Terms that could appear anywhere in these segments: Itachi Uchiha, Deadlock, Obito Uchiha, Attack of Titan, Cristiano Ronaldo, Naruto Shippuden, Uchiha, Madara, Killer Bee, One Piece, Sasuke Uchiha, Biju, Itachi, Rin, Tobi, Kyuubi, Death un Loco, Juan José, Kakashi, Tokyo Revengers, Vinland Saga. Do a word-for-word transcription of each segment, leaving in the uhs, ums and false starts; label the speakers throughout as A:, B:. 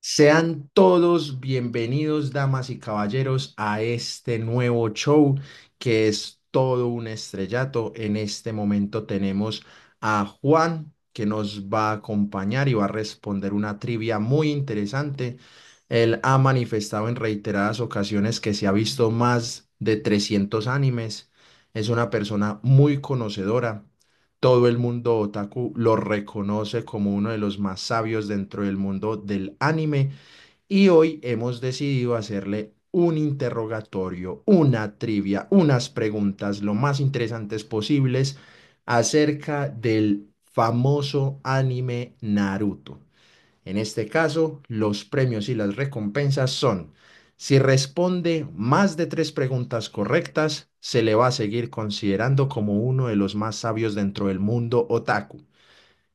A: Sean todos bienvenidos, damas y caballeros, a este nuevo show que es todo un estrellato. En este momento tenemos a Juan que nos va a acompañar y va a responder una trivia muy interesante. Él ha manifestado en reiteradas ocasiones que se ha visto más de trescientos animes. Es una persona muy conocedora. Todo el mundo otaku lo reconoce como uno de los más sabios dentro del mundo del anime y hoy hemos decidido hacerle un interrogatorio, una trivia, unas preguntas lo más interesantes posibles acerca del famoso anime Naruto. En este caso, los premios y las recompensas son, si responde más de tres preguntas correctas, se le va a seguir considerando como uno de los más sabios dentro del mundo otaku.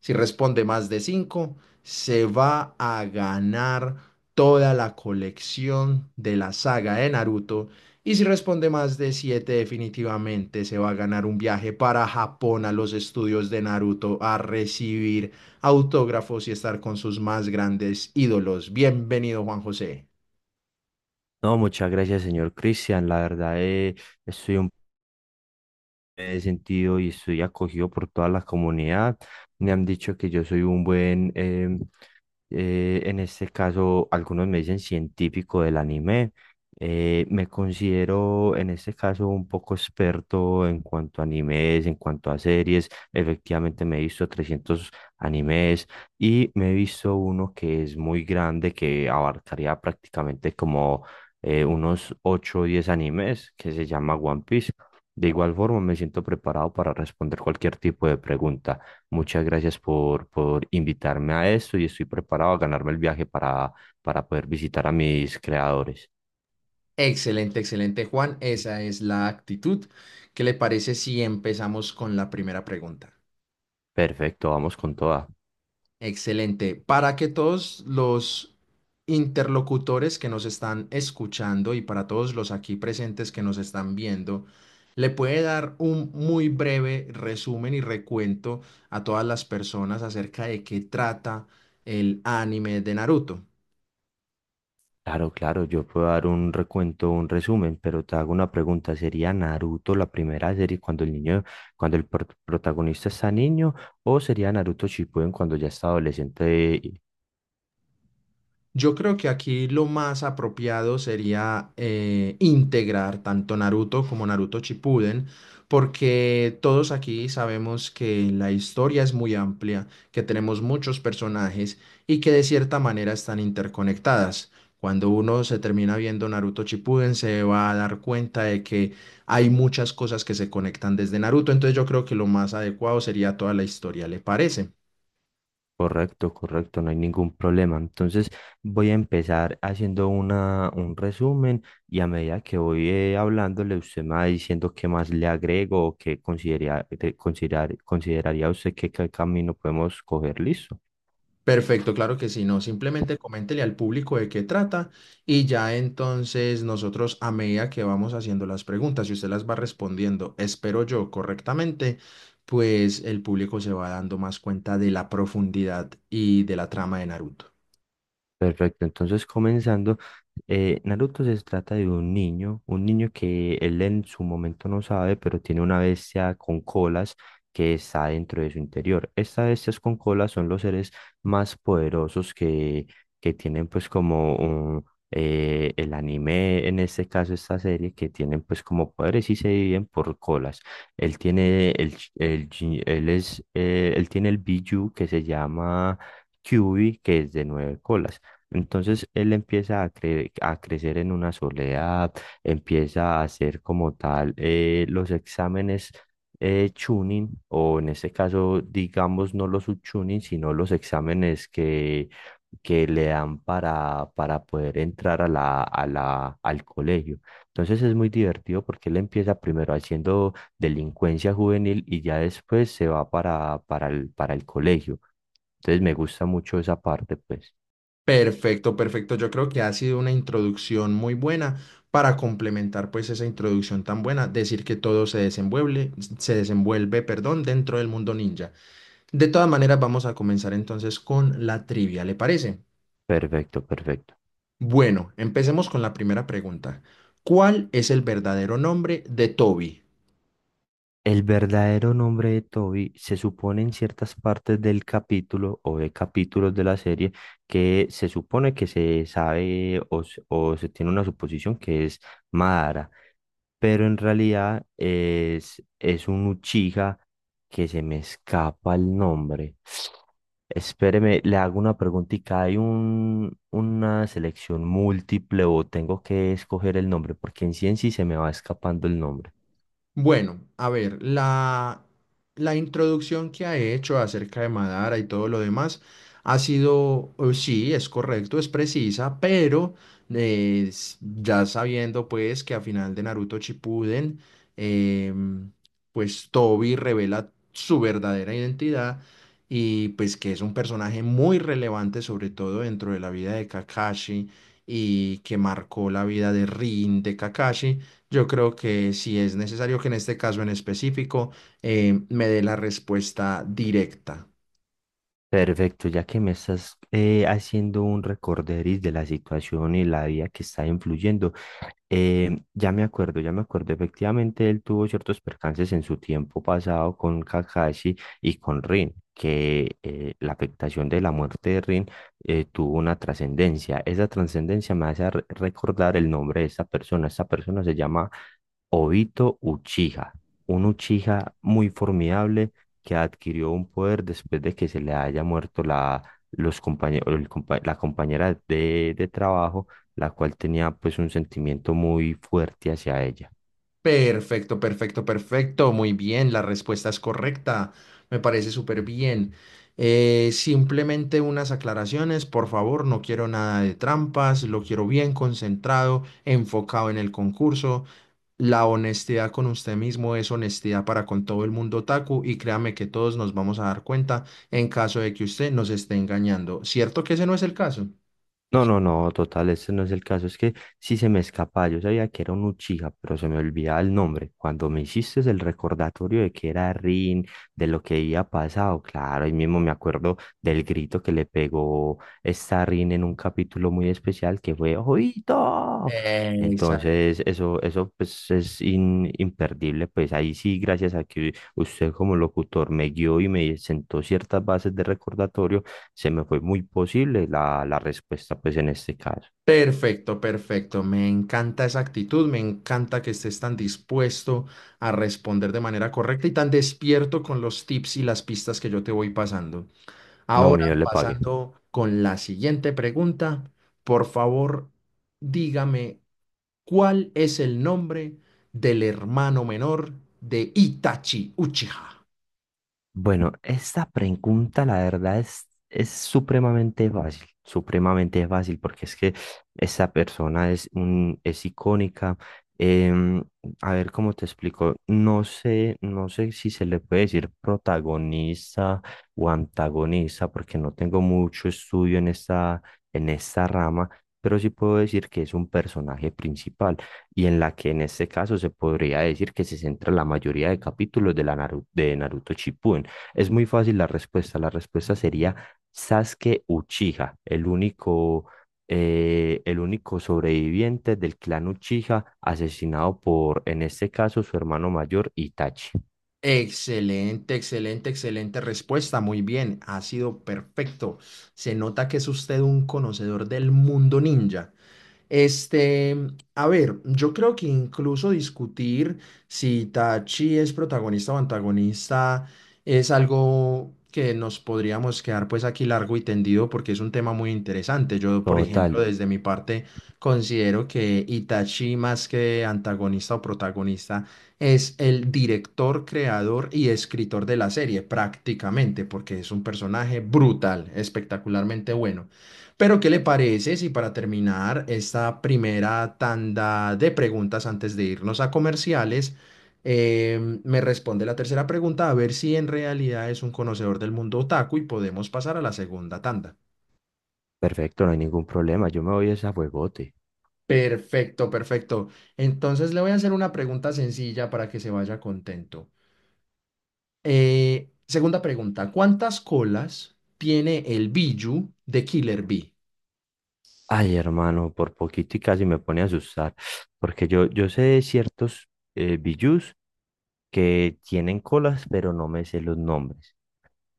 A: Si responde más de cinco, se va a ganar toda la colección de la saga de Naruto. Y si responde más de siete, definitivamente se va a ganar un viaje para Japón a los estudios de Naruto a recibir autógrafos y estar con sus más grandes ídolos. Bienvenido, Juan José.
B: No, muchas gracias, señor Cristian. La verdad, eh, estoy un me he sentido y estoy acogido por toda la comunidad. Me han dicho que yo soy un buen, em, eh, en este caso, algunos me dicen científico del anime. Eh, me considero en este caso un poco experto en cuanto a animes, en cuanto a series. Efectivamente, me he visto trescientos animes y me he visto uno que es muy grande, que abarcaría prácticamente como eh, unos ocho o diez animes, que se llama One Piece. De igual forma, me siento preparado para responder cualquier tipo de pregunta. Muchas gracias por, por invitarme a esto y estoy preparado a ganarme el viaje para, para poder visitar a mis creadores.
A: Excelente, excelente, Juan. Esa es la actitud. ¿Qué le parece si empezamos con la primera pregunta?
B: Perfecto, vamos con toda.
A: Excelente. Para que todos los interlocutores que nos están escuchando y para todos los aquí presentes que nos están viendo, le puede dar un muy breve resumen y recuento a todas las personas acerca de qué trata el anime de Naruto.
B: Claro, claro, yo puedo dar un recuento, un resumen, pero te hago una pregunta. ¿Sería Naruto la primera serie cuando el niño, cuando el pro- protagonista está niño, o sería Naruto Shippuden cuando ya está adolescente?
A: Yo creo que aquí lo más apropiado sería eh, integrar tanto Naruto como Naruto Shippuden, porque todos aquí sabemos que la historia es muy amplia, que tenemos muchos personajes y que de cierta manera están interconectadas. Cuando uno se termina viendo Naruto Shippuden, se va a dar cuenta de que hay muchas cosas que se conectan desde Naruto, entonces yo creo que lo más adecuado sería toda la historia, ¿le parece?
B: Correcto, correcto, no hay ningún problema. Entonces voy a empezar haciendo una, un resumen y a medida que voy eh, hablándole, usted me va diciendo qué más le agrego o qué consideraría, considerar, consideraría usted que qué camino podemos coger. Listo.
A: Perfecto, claro que sí, no, simplemente coméntele al público de qué trata y ya entonces nosotros a medida que vamos haciendo las preguntas y usted las va respondiendo, espero yo correctamente, pues el público se va dando más cuenta de la profundidad y de la trama de Naruto.
B: Perfecto, entonces comenzando, eh, Naruto se trata de un niño, un niño que él en su momento no sabe, pero tiene una bestia con colas que está dentro de su interior. Estas bestias con colas son los seres más poderosos que, que tienen pues como un, eh, el anime, en este caso esta serie, que tienen pues como poderes y se dividen por colas. Él tiene el, ch- el, chi- él es, eh, él tiene el Biju que se llama... Kyuubi, que es de nueve colas. Entonces él empieza a, cre- a crecer en una soledad, empieza a hacer como tal eh, los exámenes eh, tuning, o en este caso, digamos, no los subtuning, sino los exámenes que, que le dan para, para poder entrar a la, a la, al colegio. Entonces es muy divertido porque él empieza primero haciendo delincuencia juvenil y ya después se va para, para el, para el colegio. Entonces me gusta mucho esa parte, pues.
A: Perfecto, perfecto, yo creo que ha sido una introducción muy buena para complementar pues esa introducción tan buena, decir que todo se desenvuelve, se desenvuelve, perdón, dentro del mundo ninja. De todas maneras, vamos a comenzar entonces con la trivia, ¿le parece?
B: Perfecto, perfecto.
A: Bueno, empecemos con la primera pregunta. ¿Cuál es el verdadero nombre de Toby?
B: El verdadero nombre de Toby se supone en ciertas partes del capítulo o de capítulos de la serie que se supone que se sabe o, se o se tiene una suposición que es Madara, pero en realidad es, es un Uchiha que se me escapa el nombre. Espéreme, le hago una preguntita. ¿Hay un, una selección múltiple o tengo que escoger el nombre? Porque en sí en sí se me va escapando el nombre.
A: Bueno, a ver, la, la introducción que ha hecho acerca de Madara y todo lo demás ha sido, eh, sí, es correcto, es precisa, pero eh, s- ya sabiendo pues que a final de Naruto Shippuden, em, pues Tobi revela su verdadera identidad y pues que es un personaje muy relevante sobre todo dentro de la vida de Kakashi y que marcó la vida de Rin, de Kakashi. Yo creo que sí es necesario que en este caso en específico eh, me dé la respuesta directa.
B: Perfecto, ya que me estás eh, haciendo un recorderis de la situación y la vida que está influyendo, eh, ya me acuerdo, ya me acuerdo. Efectivamente, él tuvo ciertos percances en su tiempo pasado con Kakashi y con Rin, que eh, la afectación de la muerte de Rin eh, tuvo una trascendencia. Esa trascendencia me hace re- recordar el nombre de esta persona. Esta persona se llama Obito Uchiha, un Uchiha muy formidable que adquirió un poder después de que se le haya muerto la, los compañe- el compa- la compañera de de trabajo, la cual tenía pues un sentimiento muy fuerte hacia ella.
A: Perfecto, perfecto, perfecto. Muy bien, la respuesta es correcta. Me parece súper bien. Eh, simplemente unas aclaraciones, por favor. No quiero nada de trampas. Lo quiero bien concentrado, enfocado en el concurso. La honestidad con usted mismo es honestidad para con todo el mundo otaku y créame que todos nos vamos a dar cuenta en caso de que usted nos esté engañando. ¿Cierto que ese no es el caso?
B: No, no, no, total, ese no es el caso. Es que sí se me escapa. Yo sabía que era un Uchiha, pero se me olvidaba el nombre. Cuando me hiciste el recordatorio de que era Rin, de lo que había pasado, claro, ahí mismo me acuerdo del grito que le pegó esta Rin en un capítulo muy especial que fue ¡Ojito!
A: Exacto.
B: Entonces, eso, eso pues es in- imperdible. Pues ahí sí, gracias a que usted como locutor me guió y me sentó ciertas bases de recordatorio, se me fue muy posible la, la respuesta, pues en este caso.
A: Perfecto, perfecto. Me encanta esa actitud, me encanta que estés tan dispuesto a responder de manera correcta y tan despierto con los tips y las pistas que yo te voy pasando.
B: No,
A: Ahora,
B: mío, le pagué.
A: pasando con la siguiente pregunta, por favor, dígame. ¿Cuál es el nombre del hermano menor de Itachi Uchiha?
B: Bueno, esta pregunta la verdad es, es supremamente fácil, supremamente fácil, porque es que esa persona es, un, es icónica. em, a ver cómo te explico, no sé, no sé si se le puede decir protagonista o antagonista, porque no tengo mucho estudio en esta, en esta, rama, pero sí puedo decir que es un personaje principal y en la que en este caso se podría decir que se centra la mayoría de capítulos de, la Naru- de Naruto Shippuden. Es muy fácil la respuesta. La respuesta sería Sasuke Uchiha, el único, eh, el único sobreviviente del clan Uchiha, asesinado por, en este caso, su hermano mayor Itachi.
A: Excelente, excelente, excelente respuesta. Muy bien, ha sido perfecto. Se nota que es usted un conocedor del mundo ninja. Este, a ver, yo creo que incluso discutir si Itachi es protagonista o antagonista es algo que nos podríamos quedar pues aquí largo y tendido porque es un tema muy interesante. Yo, por sí, ejemplo,
B: Total,
A: desde mi parte considero que Itachi más que antagonista o protagonista es el director, creador y escritor de la serie, prácticamente, porque es un personaje brutal, espectacularmente bueno. Pero, ¿qué le parece si para terminar esta primera tanda de preguntas antes de irnos a comerciales, em, me responde la tercera pregunta a ver si en realidad es un conocedor del mundo otaku y podemos pasar a la segunda tanda?
B: perfecto, no hay ningún problema. Yo me voy a ese juegote.
A: Perfecto, perfecto. Entonces le voy a hacer una pregunta sencilla para que se vaya contento. Eh, segunda pregunta, ¿cuántas colas tiene el Biju de Killer Bee?
B: Ay, hermano, por poquito y casi me pone a asustar, porque yo, yo sé de ciertos eh, bijus que tienen colas, pero no me sé los nombres.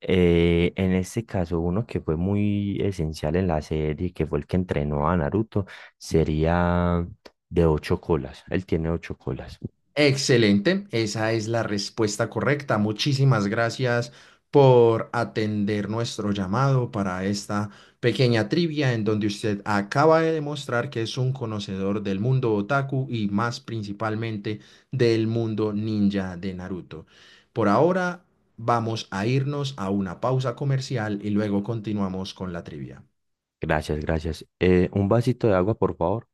B: Eh, en este caso, uno que fue muy esencial en la serie, que fue el que entrenó a Naruto, sería de ocho colas. Él tiene ocho colas.
A: Excelente, esa es la respuesta correcta. Muchísimas gracias por atender nuestro llamado para esta pequeña trivia en donde usted acaba de demostrar que es un conocedor del mundo otaku y más principalmente del mundo ninja de Naruto. Por ahora vamos a irnos a una pausa comercial y luego continuamos con la trivia.
B: Gracias, gracias. Eh, un vasito de agua, por favor.